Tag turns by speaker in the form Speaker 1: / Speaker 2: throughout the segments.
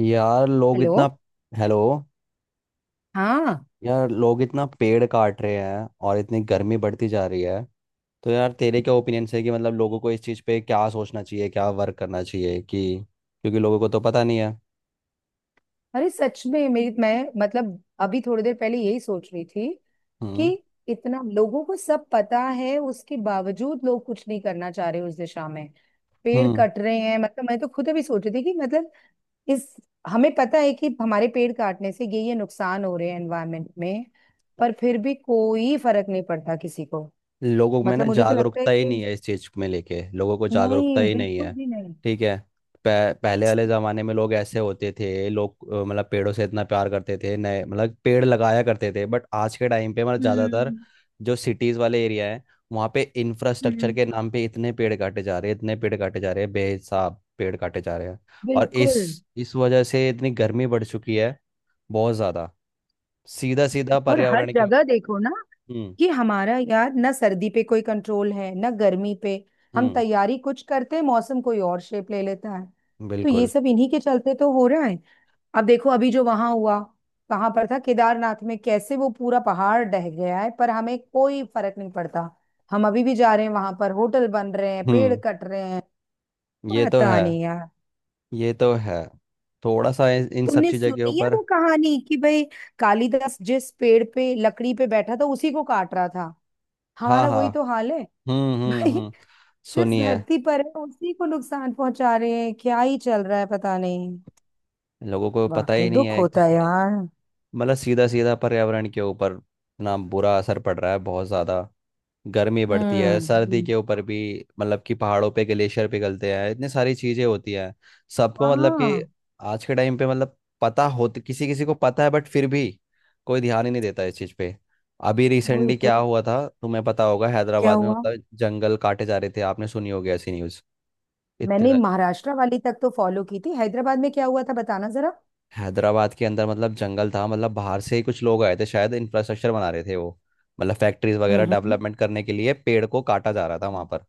Speaker 1: यार लोग
Speaker 2: हेलो।
Speaker 1: इतना हेलो।
Speaker 2: हाँ।
Speaker 1: यार लोग इतना पेड़ काट रहे हैं और इतनी गर्मी बढ़ती जा रही है। तो यार तेरे क्या ओपिनियन है कि मतलब लोगों को इस चीज़ पे क्या सोचना चाहिए, क्या वर्क करना चाहिए? कि क्योंकि लोगों को तो पता नहीं है।
Speaker 2: अरे सच में मेरी मैं मतलब अभी थोड़ी देर पहले यही सोच रही थी कि
Speaker 1: हम्म
Speaker 2: इतना लोगों को सब पता है उसके बावजूद लोग कुछ नहीं करना चाह रहे उस दिशा में। पेड़
Speaker 1: हम्म।
Speaker 2: कट रहे हैं मतलब मैं तो खुद अभी सोच रही थी कि मतलब इस हमें पता है कि हमारे पेड़ काटने से ये नुकसान हो रहे हैं एनवायरनमेंट में। पर फिर भी कोई फर्क नहीं पड़ता किसी को।
Speaker 1: लोगों में
Speaker 2: मतलब
Speaker 1: ना
Speaker 2: मुझे तो लगता है
Speaker 1: जागरूकता ही
Speaker 2: कि
Speaker 1: नहीं है, इस चीज में लेके लोगों को जागरूकता
Speaker 2: नहीं
Speaker 1: ही नहीं
Speaker 2: बिल्कुल
Speaker 1: है।
Speaker 2: भी नहीं।
Speaker 1: ठीक है। पहले वाले जमाने में लोग ऐसे होते थे, लोग मतलब पेड़ों से इतना प्यार करते थे, नए मतलब पेड़ लगाया करते थे। बट आज के टाइम पे मतलब ज्यादातर
Speaker 2: हम्म
Speaker 1: जो सिटीज वाले एरिया है, वहाँ पे इंफ्रास्ट्रक्चर
Speaker 2: हम्म।
Speaker 1: के नाम पे इतने पेड़ काटे जा रहे हैं, इतने पेड़ काटे जा रहे हैं, बेहिसाब पेड़ काटे जा रहे हैं। और इस
Speaker 2: बिल्कुल।
Speaker 1: इस वजह से इतनी गर्मी बढ़ चुकी है, बहुत ज्यादा। सीधा सीधा
Speaker 2: और हर
Speaker 1: पर्यावरण के।
Speaker 2: जगह देखो ना
Speaker 1: हम्म।
Speaker 2: कि हमारा यार ना सर्दी पे कोई कंट्रोल है ना गर्मी पे। हम
Speaker 1: हम्म।
Speaker 2: तैयारी कुछ करते हैं मौसम कोई और शेप ले लेता है। तो ये
Speaker 1: बिल्कुल।
Speaker 2: सब इन्हीं के चलते तो हो रहा है। अब देखो अभी जो वहां हुआ कहाँ पर था केदारनाथ में कैसे वो पूरा पहाड़ ढह गया है पर हमें कोई फर्क नहीं पड़ता। हम अभी भी जा रहे हैं वहां पर होटल बन रहे हैं पेड़
Speaker 1: हम्म।
Speaker 2: कट रहे हैं।
Speaker 1: ये तो है।
Speaker 2: पता नहीं यार।
Speaker 1: ये तो है। थोड़ा सा इन इन सब
Speaker 2: तुमने
Speaker 1: चीज़ों के
Speaker 2: सुनी है
Speaker 1: ऊपर।
Speaker 2: वो कहानी कि भाई कालिदास जिस पेड़ पे लकड़ी पे बैठा था उसी को काट रहा था।
Speaker 1: हाँ,
Speaker 2: हमारा
Speaker 1: हाँ।
Speaker 2: वही तो हाल है
Speaker 1: हम्म, हम्म,
Speaker 2: भाई।
Speaker 1: हम्म।
Speaker 2: जिस
Speaker 1: सुनिए।
Speaker 2: धरती पर है उसी को नुकसान पहुंचा रहे हैं क्या ही चल रहा है पता नहीं।
Speaker 1: लोगों को पता
Speaker 2: वाकई
Speaker 1: ही नहीं
Speaker 2: दुख
Speaker 1: है एक
Speaker 2: होता है
Speaker 1: दूसरे।
Speaker 2: यार।
Speaker 1: मतलब सीधा सीधा पर्यावरण के ऊपर ना बुरा असर पड़ रहा है, बहुत ज़्यादा। गर्मी बढ़ती है, सर्दी
Speaker 2: हम्म।
Speaker 1: के ऊपर भी मतलब कि पहाड़ों पे ग्लेशियर पिघलते हैं, इतनी सारी चीजें होती हैं। सबको मतलब कि
Speaker 2: हाँ।
Speaker 1: आज के टाइम पे मतलब पता होती किसी किसी को पता है, बट फिर भी कोई ध्यान ही नहीं देता इस चीज पे। अभी
Speaker 2: वही
Speaker 1: रिसेंटली
Speaker 2: तो।
Speaker 1: क्या हुआ था तुम्हें पता होगा,
Speaker 2: क्या
Speaker 1: हैदराबाद में
Speaker 2: हुआ?
Speaker 1: मतलब जंगल काटे जा रहे थे, आपने सुनी होगी ऐसी न्यूज। इतने
Speaker 2: मैंने
Speaker 1: ज्यादा-
Speaker 2: महाराष्ट्र वाली तक तो फॉलो की थी हैदराबाद में क्या हुआ था बताना जरा।
Speaker 1: हैदराबाद के अंदर मतलब जंगल था, मतलब बाहर से ही कुछ लोग आए थे शायद, इंफ्रास्ट्रक्चर बना रहे थे वो। मतलब फैक्ट्रीज
Speaker 2: हम्म
Speaker 1: वगैरह
Speaker 2: हम्म।
Speaker 1: डेवलपमेंट करने के लिए पेड़ को काटा जा रहा था वहां पर।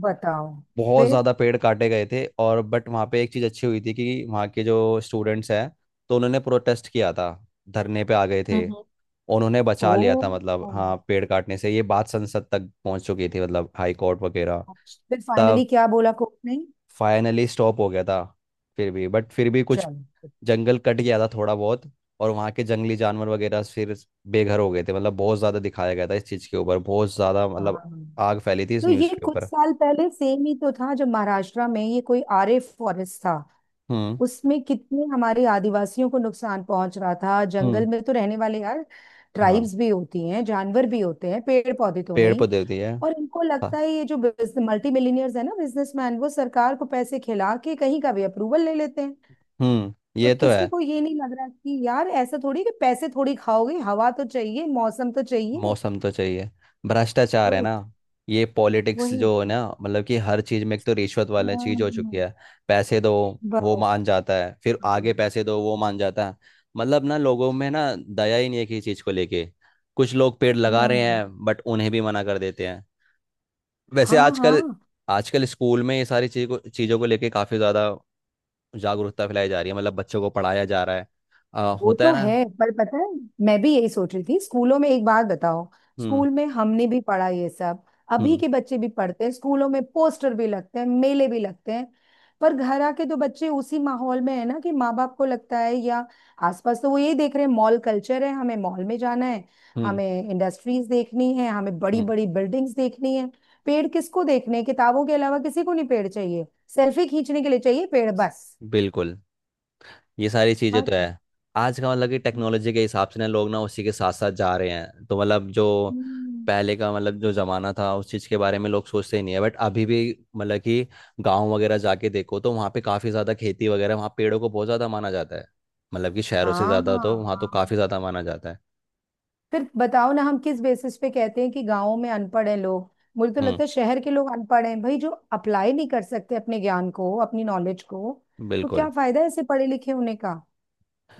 Speaker 2: बताओ।
Speaker 1: बहुत
Speaker 2: फिर।
Speaker 1: ज़्यादा पेड़ काटे गए थे। और बट वहाँ पे एक चीज़ अच्छी हुई थी कि वहाँ के जो स्टूडेंट्स हैं तो उन्होंने प्रोटेस्ट किया था, धरने पे आ गए थे।
Speaker 2: हम्म।
Speaker 1: उन्होंने बचा लिया
Speaker 2: ओ।
Speaker 1: था मतलब, हाँ, पेड़ काटने से। ये बात संसद तक पहुँच चुकी थी, मतलब हाई कोर्ट वगैरह।
Speaker 2: अच्छा। फिर फाइनली
Speaker 1: तब
Speaker 2: क्या बोला कोर्ट ने?
Speaker 1: फाइनली स्टॉप हो गया था। फिर भी बट फिर भी कुछ
Speaker 2: चलो।
Speaker 1: जंगल कट गया था थोड़ा बहुत। और वहाँ के जंगली जानवर वगैरह फिर बेघर हो गए थे। मतलब बहुत ज़्यादा दिखाया गया था इस चीज़ के ऊपर, बहुत ज़्यादा मतलब
Speaker 2: हाँ।
Speaker 1: आग फैली थी इस
Speaker 2: तो ये
Speaker 1: न्यूज़ के
Speaker 2: कुछ
Speaker 1: ऊपर।
Speaker 2: साल पहले सेम ही तो था जब महाराष्ट्र में ये कोई आरे फॉरेस्ट था।
Speaker 1: हम्म,
Speaker 2: उसमें कितने हमारे आदिवासियों को नुकसान पहुंच रहा था
Speaker 1: हम्म।
Speaker 2: जंगल में तो रहने वाले यार
Speaker 1: हाँ,
Speaker 2: ट्राइब्स भी होती हैं जानवर भी होते हैं पेड़ पौधे तो हैं
Speaker 1: पेड़
Speaker 2: ही।
Speaker 1: पौधे दिए।
Speaker 2: और इनको लगता
Speaker 1: हाँ।
Speaker 2: है ये जो मल्टी मिलीनियर्स है ना बिजनेसमैन वो सरकार को पैसे खिला के कहीं का भी अप्रूवल ले लेते हैं।
Speaker 1: हम्म।
Speaker 2: और
Speaker 1: ये तो
Speaker 2: किसी
Speaker 1: है।
Speaker 2: को ये नहीं लग रहा कि यार ऐसा थोड़ी कि पैसे थोड़ी खाओगे हवा तो चाहिए मौसम तो चाहिए।
Speaker 1: मौसम तो चाहिए। भ्रष्टाचार है
Speaker 2: वही
Speaker 1: ना।
Speaker 2: तो-
Speaker 1: ये पॉलिटिक्स
Speaker 2: वही
Speaker 1: जो है
Speaker 2: तो।
Speaker 1: ना, मतलब कि हर चीज में एक तो रिश्वत वाली चीज हो चुकी
Speaker 2: हाँ,
Speaker 1: है। पैसे दो,
Speaker 2: बस।
Speaker 1: वो मान जाता है, फिर आगे
Speaker 2: हाँ।
Speaker 1: पैसे दो, वो मान जाता है। मतलब ना लोगों में ना दया ही नहीं है किसी चीज को लेके। कुछ लोग पेड़ लगा रहे
Speaker 2: नहीं।
Speaker 1: हैं बट उन्हें भी मना कर देते हैं। वैसे
Speaker 2: हाँ हाँ।
Speaker 1: आजकल, आजकल स्कूल में ये सारी चीजों को लेके काफी ज्यादा जागरूकता फैलाई जा रही है, मतलब बच्चों को पढ़ाया जा रहा है।
Speaker 2: वो
Speaker 1: होता
Speaker 2: तो
Speaker 1: है ना।
Speaker 2: है। पर पता है मैं भी यही सोच रही थी स्कूलों में एक बात बताओ।
Speaker 1: हम्म,
Speaker 2: स्कूल में हमने भी पढ़ा ये सब। अभी
Speaker 1: हम्म,
Speaker 2: के बच्चे भी पढ़ते हैं स्कूलों में पोस्टर भी लगते हैं मेले भी लगते हैं। पर घर आके तो बच्चे उसी माहौल में है ना कि माँ बाप को लगता है या आसपास तो वो यही देख रहे हैं मॉल कल्चर है हमें मॉल में जाना है।
Speaker 1: हम्म।
Speaker 2: हमें इंडस्ट्रीज देखनी है हमें बड़ी
Speaker 1: हम्म।
Speaker 2: बड़ी बिल्डिंग्स देखनी है। पेड़ किसको देखने हैं? किताबों के अलावा किसी को नहीं पेड़ चाहिए। सेल्फी खींचने के लिए चाहिए पेड़ बस।
Speaker 1: बिल्कुल। ये सारी चीजें तो
Speaker 2: बात है।
Speaker 1: है। आज का मतलब कि टेक्नोलॉजी के हिसाब से ना लोग ना उसी के साथ साथ जा रहे हैं। तो मतलब जो
Speaker 2: हम्म।
Speaker 1: पहले का मतलब जो जमाना था उस चीज के बारे में लोग सोचते ही नहीं है। बट अभी भी मतलब कि गांव वगैरह जाके देखो तो वहाँ पे काफी ज्यादा खेती वगैरह, वहाँ पेड़ों को बहुत ज्यादा माना जाता है। मतलब कि शहरों से
Speaker 2: हाँ
Speaker 1: ज्यादा तो वहाँ तो
Speaker 2: हाँ।
Speaker 1: काफी ज्यादा माना जाता है।
Speaker 2: फिर बताओ ना हम किस बेसिस पे कहते हैं कि गाँव में अनपढ़ हैं लोग। मुझे तो
Speaker 1: हम्म।
Speaker 2: लगता है शहर के लोग अनपढ़ हैं भाई जो अप्लाई नहीं कर सकते अपने ज्ञान को अपनी नॉलेज को। तो क्या
Speaker 1: बिल्कुल।
Speaker 2: फायदा है ऐसे पढ़े लिखे होने का।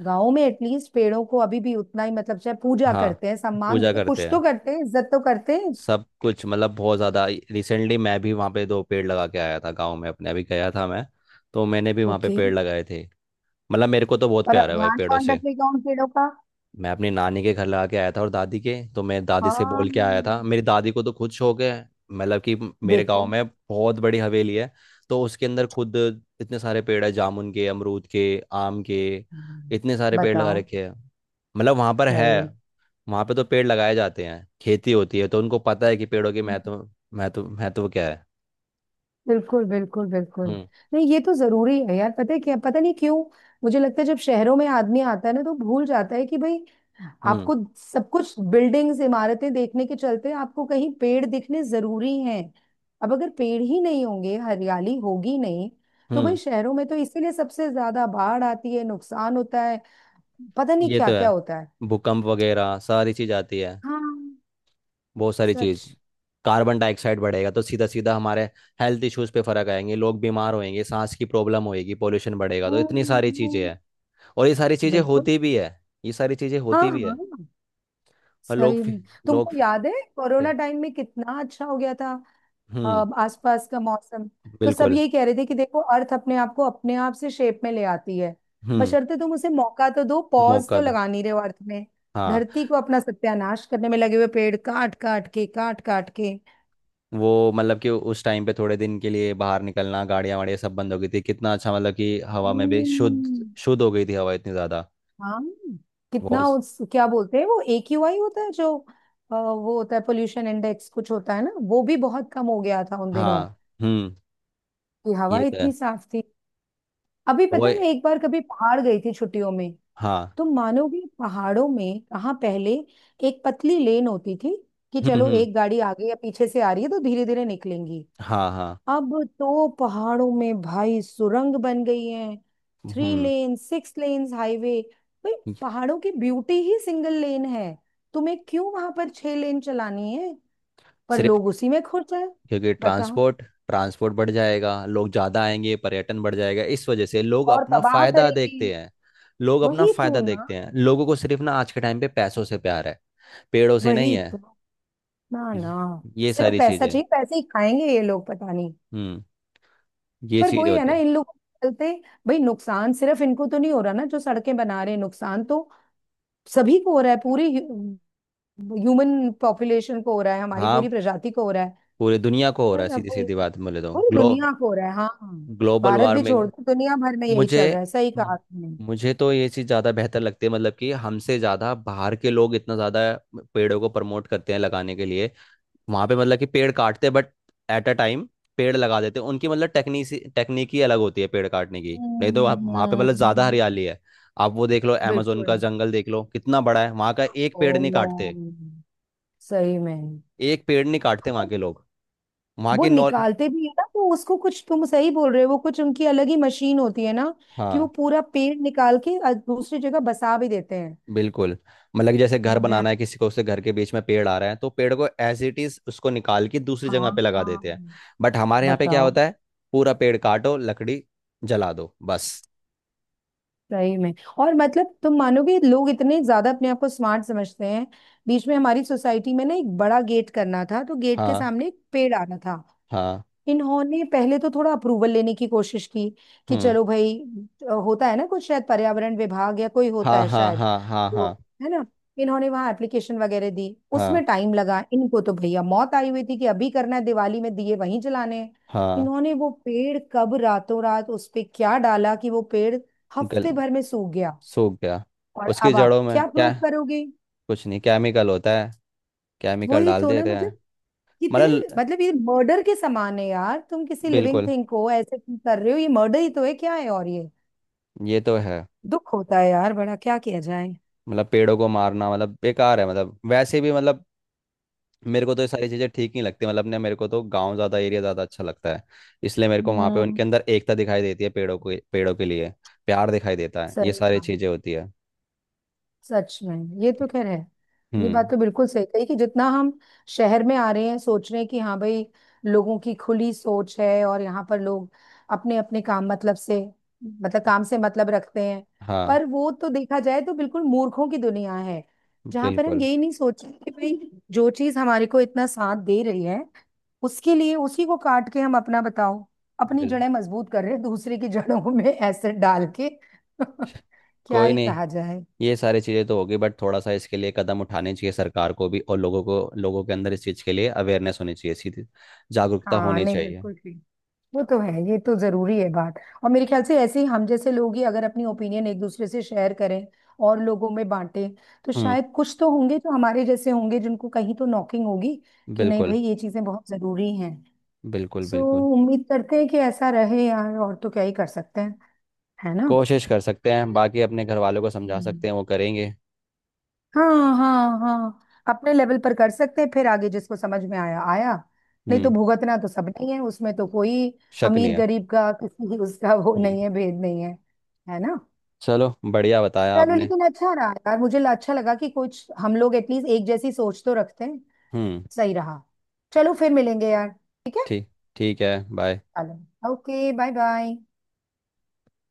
Speaker 2: गाँव में एटलीस्ट पेड़ों को अभी भी उतना ही मतलब चाहे पूजा
Speaker 1: हाँ,
Speaker 2: करते हैं सम्मान
Speaker 1: पूजा
Speaker 2: देते हैं, कुछ
Speaker 1: करते
Speaker 2: तो
Speaker 1: हैं।
Speaker 2: करते हैं इज्जत तो करते हैं।
Speaker 1: सब कुछ मतलब बहुत ज़्यादा। रिसेंटली मैं भी वहाँ पे दो पेड़ लगा के आया था, गाँव में अपने अभी गया था मैं, तो मैंने भी वहाँ पे
Speaker 2: ओके।
Speaker 1: पेड़ लगाए थे। मतलब मेरे को तो बहुत
Speaker 2: पर
Speaker 1: प्यार
Speaker 2: अब
Speaker 1: है भाई
Speaker 2: ध्यान
Speaker 1: पेड़ों
Speaker 2: कौन
Speaker 1: से।
Speaker 2: रखेगा उन पेड़ों का?
Speaker 1: मैं अपनी नानी के घर लगा के आया था, और दादी के तो मैं दादी से
Speaker 2: हाँ।
Speaker 1: बोल के आया था, मेरी दादी को तो खुद शौक है। मतलब कि मेरे गांव
Speaker 2: देखो।
Speaker 1: में बहुत बड़ी हवेली है, तो उसके अंदर खुद इतने सारे पेड़ है, जामुन के, अमरूद के, आम के,
Speaker 2: हम्म।
Speaker 1: इतने सारे पेड़ लगा
Speaker 2: बताओ।
Speaker 1: रखे हैं। मतलब वहां पर है,
Speaker 2: सही।
Speaker 1: वहां पे तो पेड़ लगाए जाते हैं, खेती होती है तो उनको पता है कि पेड़ों के महत्व, महत्व क्या है।
Speaker 2: बिल्कुल बिल्कुल बिल्कुल।
Speaker 1: हम्म,
Speaker 2: नहीं ये तो जरूरी है यार पता है क्या पता नहीं क्यों। मुझे लगता है जब शहरों में आदमी आता है ना तो भूल जाता है कि भाई
Speaker 1: हम्म,
Speaker 2: आपको सब कुछ बिल्डिंग्स इमारतें देखने के चलते आपको कहीं पेड़ दिखने जरूरी हैं। अब अगर पेड़ ही नहीं होंगे हरियाली होगी नहीं तो
Speaker 1: हम्म।
Speaker 2: भाई शहरों में तो इसीलिए सबसे ज्यादा बाढ़ आती है नुकसान होता है। पता नहीं
Speaker 1: ये
Speaker 2: क्या
Speaker 1: तो
Speaker 2: क्या
Speaker 1: है।
Speaker 2: होता है।
Speaker 1: भूकंप वगैरह सारी चीज आती है,
Speaker 2: हाँ।
Speaker 1: बहुत सारी
Speaker 2: सच।
Speaker 1: चीज। कार्बन डाइऑक्साइड बढ़ेगा तो सीधा सीधा हमारे हेल्थ इश्यूज पे फर्क आएंगे, लोग बीमार होएंगे, सांस की प्रॉब्लम होएगी, पोल्यूशन बढ़ेगा, तो इतनी
Speaker 2: हम्म
Speaker 1: सारी चीजें
Speaker 2: हम्म।
Speaker 1: हैं। और ये सारी चीजें
Speaker 2: बिल्कुल।
Speaker 1: होती भी है, ये सारी चीजें
Speaker 2: हाँ
Speaker 1: होती भी
Speaker 2: हाँ।
Speaker 1: है। और
Speaker 2: सही में।
Speaker 1: लोग
Speaker 2: तुमको
Speaker 1: फिर-
Speaker 2: याद है
Speaker 1: क्या।
Speaker 2: कोरोना टाइम में कितना अच्छा हो गया था अ,
Speaker 1: हम्म।
Speaker 2: आसपास का मौसम। तो सब
Speaker 1: बिल्कुल।
Speaker 2: यही कह रहे थे कि देखो अर्थ अपने आप को अपने आप से शेप में ले आती है
Speaker 1: हम्म।
Speaker 2: बशर्ते तुम उसे मौका तो दो पॉज
Speaker 1: मौका
Speaker 2: तो
Speaker 1: था।
Speaker 2: लगा नहीं रहे हो अर्थ में।
Speaker 1: हाँ।
Speaker 2: धरती को अपना सत्यानाश करने में लगे हुए पेड़ काट काट के काट काट के।
Speaker 1: वो मतलब कि उस टाइम पे थोड़े दिन के लिए बाहर निकलना, गाड़ियां वाड़ियाँ सब बंद हो गई थी, कितना अच्छा मतलब कि हवा में भी
Speaker 2: हम्म।
Speaker 1: शुद्ध शुद्ध हो गई थी, हवा इतनी ज्यादा।
Speaker 2: हाँ। कितना
Speaker 1: बहुत।
Speaker 2: उस क्या बोलते हैं वो एक्यूआई होता है जो वो होता है पोल्यूशन इंडेक्स कुछ होता है ना वो भी बहुत कम हो गया था उन दिनों
Speaker 1: हाँ, हम्म।
Speaker 2: कि हवा
Speaker 1: ये तो है।
Speaker 2: इतनी साफ थी। अभी
Speaker 1: वो,
Speaker 2: पता है मैं एक बार कभी पहाड़ गई थी छुट्टियों में।
Speaker 1: हाँ।
Speaker 2: तुम मानोगे पहाड़ों में कहाँ पहले एक पतली लेन होती थी कि
Speaker 1: हम्म,
Speaker 2: चलो
Speaker 1: हम्म।
Speaker 2: एक गाड़ी आगे या पीछे से आ रही है तो धीरे धीरे निकलेंगी।
Speaker 1: हाँ, हाँ।
Speaker 2: अब तो पहाड़ों में भाई सुरंग बन गई है। Three
Speaker 1: hmm.
Speaker 2: लेन 6 लेन्स हाईवे भाई। पहाड़ों की ब्यूटी ही सिंगल लेन है। तुम्हें क्यों वहां पर 6 लेन चलानी है? पर
Speaker 1: सिर्फ
Speaker 2: लोग उसी में खुश हैं।
Speaker 1: क्योंकि
Speaker 2: बताओ।
Speaker 1: ट्रांसपोर्ट, ट्रांसपोर्ट बढ़ जाएगा, लोग ज्यादा आएंगे, पर्यटन बढ़ जाएगा, इस वजह से लोग
Speaker 2: और
Speaker 1: अपना
Speaker 2: तबाह
Speaker 1: फायदा
Speaker 2: करेंगे।
Speaker 1: देखते हैं। लोग अपना
Speaker 2: वही तो
Speaker 1: फायदा
Speaker 2: ना।
Speaker 1: देखते हैं, लोगों को सिर्फ ना आज के टाइम पे पैसों से प्यार है, पेड़ों से नहीं
Speaker 2: वही
Speaker 1: है।
Speaker 2: तो। ना
Speaker 1: ये,
Speaker 2: ना।
Speaker 1: ये
Speaker 2: सिर्फ
Speaker 1: सारी
Speaker 2: पैसा
Speaker 1: चीजें।
Speaker 2: चाहिए पैसे ही खाएंगे ये लोग पता नहीं।
Speaker 1: हम्म। ये
Speaker 2: पर
Speaker 1: चीजें
Speaker 2: वही है
Speaker 1: होती
Speaker 2: ना
Speaker 1: है।
Speaker 2: इन लोगों के चलते। भाई नुकसान सिर्फ इनको तो नहीं हो रहा ना जो सड़कें बना रहे हैं नुकसान तो सभी को हो रहा है पूरी ह्यूमन पॉपुलेशन को हो रहा है हमारी
Speaker 1: हाँ,
Speaker 2: पूरी प्रजाति को हो रहा है।
Speaker 1: पूरी दुनिया को हो रहा है,
Speaker 2: पर अब
Speaker 1: सीधी
Speaker 2: वो-
Speaker 1: सीधी बात बोले तो
Speaker 2: पूरी दुनिया को हो रहा है हाँ।
Speaker 1: ग्लोबल
Speaker 2: भारत भी
Speaker 1: वार्मिंग।
Speaker 2: छोड़ दो दुनिया भर में यही
Speaker 1: मुझे
Speaker 2: चल रहा है सही कहा
Speaker 1: हम्म,
Speaker 2: आपने।
Speaker 1: मुझे तो ये चीज़ ज़्यादा बेहतर लगती है, मतलब कि हमसे ज़्यादा बाहर के लोग इतना ज़्यादा पेड़ों को प्रमोट करते हैं लगाने के लिए। वहाँ पे मतलब कि पेड़ काटते हैं बट एट अ टाइम पेड़ लगा देते हैं। उनकी मतलब टेक्निसी टेक्निक ही अलग होती है पेड़ काटने की, नहीं तो वहाँ
Speaker 2: हम्म
Speaker 1: वहाँ पे मतलब ज़्यादा
Speaker 2: हम्म,
Speaker 1: हरियाली है। आप वो देख लो अमेजोन का
Speaker 2: बिल्कुल।
Speaker 1: जंगल देख लो, कितना बड़ा है, वहाँ का एक
Speaker 2: ओ।
Speaker 1: पेड़ नहीं काटते,
Speaker 2: सही में।
Speaker 1: एक पेड़ नहीं काटते वहाँ के लोग। वहाँ
Speaker 2: वो
Speaker 1: की नॉल
Speaker 2: निकालते भी है ना तो उसको कुछ तुम सही बोल रहे हो वो कुछ उनकी अलग ही मशीन होती है ना कि वो
Speaker 1: हाँ,
Speaker 2: पूरा पेड़ निकाल के दूसरी जगह बसा भी देते हैं।
Speaker 1: बिल्कुल। मतलब कि जैसे घर
Speaker 2: अरे।
Speaker 1: बनाना है किसी को, उसके घर के बीच में पेड़ आ रहा है, तो पेड़ को एज इट इज उसको निकाल के दूसरी जगह
Speaker 2: हाँ
Speaker 1: पे लगा
Speaker 2: हाँ।
Speaker 1: देते हैं। बट हमारे यहाँ पे क्या
Speaker 2: बताओ।
Speaker 1: होता है, पूरा पेड़ काटो, लकड़ी जला दो, बस।
Speaker 2: सही में। और मतलब तुम मानोगे लोग इतने ज्यादा अपने आप को स्मार्ट समझते हैं। बीच में हमारी सोसाइटी में ना एक बड़ा गेट करना था तो गेट के
Speaker 1: हाँ,
Speaker 2: सामने एक पेड़ आना था।
Speaker 1: हाँ।
Speaker 2: इन्होंने पहले तो थोड़ा अप्रूवल लेने की कोशिश की कि
Speaker 1: हम्म।
Speaker 2: चलो भाई होता है ना कुछ शायद पर्यावरण विभाग या कोई होता
Speaker 1: हाँ,
Speaker 2: है
Speaker 1: हाँ,
Speaker 2: शायद।
Speaker 1: हाँ, हाँ,
Speaker 2: तो
Speaker 1: हाँ।
Speaker 2: है ना इन्होंने वहां एप्लीकेशन वगैरह दी। उसमें
Speaker 1: हाँ,
Speaker 2: टाइम लगा इनको तो भैया मौत आई हुई थी कि अभी करना है दिवाली में दिए वहीं जलाने हैं।
Speaker 1: हाँ
Speaker 2: इन्होंने वो पेड़ कब रातों रात उस पे क्या डाला कि वो पेड़
Speaker 1: गल
Speaker 2: हफ्ते भर में सूख गया।
Speaker 1: सूख गया।
Speaker 2: और
Speaker 1: उसकी
Speaker 2: अब आप
Speaker 1: जड़ों में
Speaker 2: क्या प्रूव
Speaker 1: क्या,
Speaker 2: करोगे?
Speaker 1: कुछ नहीं, केमिकल होता है, केमिकल
Speaker 2: वही
Speaker 1: डाल
Speaker 2: तो ना
Speaker 1: देते
Speaker 2: मतलब
Speaker 1: हैं।
Speaker 2: कितने
Speaker 1: मतलब।
Speaker 2: मतलब ये मर्डर के समान है यार तुम किसी लिविंग
Speaker 1: बिल्कुल।
Speaker 2: थिंग को ऐसे तुम कर रहे हो ये मर्डर ही तो है क्या है और ये
Speaker 1: ये तो है।
Speaker 2: दुख होता है यार बड़ा क्या किया जाए।
Speaker 1: मतलब पेड़ों को मारना मतलब बेकार है, मतलब वैसे भी मतलब मेरे को तो ये सारी चीज़ें ठीक नहीं लगती। मतलब अपने मेरे को तो गांव ज़्यादा, एरिया ज़्यादा अच्छा लगता है, इसलिए मेरे को वहाँ पे
Speaker 2: हम्म।
Speaker 1: उनके अंदर एकता दिखाई देती है, पेड़ों को, पेड़ों के लिए प्यार दिखाई देता है, ये
Speaker 2: सही
Speaker 1: सारी
Speaker 2: कहा।
Speaker 1: चीज़ें होती है।
Speaker 2: सच में। ये तो खैर है। ये
Speaker 1: हम्म।
Speaker 2: बात तो बिल्कुल सही कही कि जितना हम शहर में आ रहे हैं सोच रहे हैं कि हाँ भाई लोगों की खुली सोच है और यहाँ पर लोग अपने अपने काम मतलब से मतलब काम से मतलब रखते हैं।
Speaker 1: हाँ,
Speaker 2: पर वो तो देखा जाए तो बिल्कुल मूर्खों की दुनिया है जहाँ पर हम
Speaker 1: बिल्कुल,
Speaker 2: यही नहीं सोच रहे कि भाई जो चीज हमारे को इतना साथ दे रही है उसके लिए उसी को काट के हम अपना बताओ अपनी
Speaker 1: बिल्कुल।
Speaker 2: जड़ें मजबूत कर रहे हैं दूसरे की जड़ों में एसिड डाल के क्या
Speaker 1: कोई
Speaker 2: ही
Speaker 1: नहीं,
Speaker 2: कहा जाए।
Speaker 1: ये सारी चीज़ें तो होगी, बट थोड़ा सा इसके लिए कदम उठाने चाहिए सरकार को भी और लोगों को, लोगों के अंदर इस चीज़ के लिए अवेयरनेस होनी चाहिए, सीधी जागरूकता
Speaker 2: हाँ
Speaker 1: होनी
Speaker 2: नहीं
Speaker 1: चाहिए।
Speaker 2: बिल्कुल ठीक। वो तो है ये तो जरूरी है बात। और मेरे ख्याल से ऐसे ही हम जैसे लोग ही अगर अपनी ओपिनियन एक दूसरे से शेयर करें और लोगों में बांटें तो
Speaker 1: हम्म।
Speaker 2: शायद कुछ तो होंगे जो हमारे जैसे होंगे जिनको कहीं तो नॉकिंग होगी कि नहीं
Speaker 1: बिल्कुल,
Speaker 2: भाई ये चीजें बहुत जरूरी हैं।
Speaker 1: बिल्कुल,
Speaker 2: सो
Speaker 1: बिल्कुल।
Speaker 2: उम्मीद करते हैं कि ऐसा रहे यार और तो क्या ही कर सकते हैं है ना।
Speaker 1: कोशिश कर सकते हैं, बाकी अपने घर वालों को समझा
Speaker 2: हम्म।
Speaker 1: सकते हैं, वो करेंगे।
Speaker 2: हाँ हाँ हाँ। अपने लेवल पर कर सकते हैं फिर आगे जिसको समझ में आया आया नहीं तो
Speaker 1: हम्म।
Speaker 2: भुगतना तो सबने ही है उसमें तो कोई
Speaker 1: शक नहीं
Speaker 2: अमीर
Speaker 1: है।
Speaker 2: गरीब का किसी उसका वो
Speaker 1: हम्म।
Speaker 2: नहीं है भेद नहीं है है ना।
Speaker 1: चलो, बढ़िया बताया
Speaker 2: चलो
Speaker 1: आपने।
Speaker 2: लेकिन अच्छा रहा यार मुझे अच्छा लगा कि कुछ हम लोग एटलीस्ट एक जैसी सोच तो रखते हैं।
Speaker 1: हम्म।
Speaker 2: सही रहा। चलो फिर मिलेंगे यार ठीक है।
Speaker 1: ठीक। ठीक है, बाय।
Speaker 2: चलो ओके बाय बाय।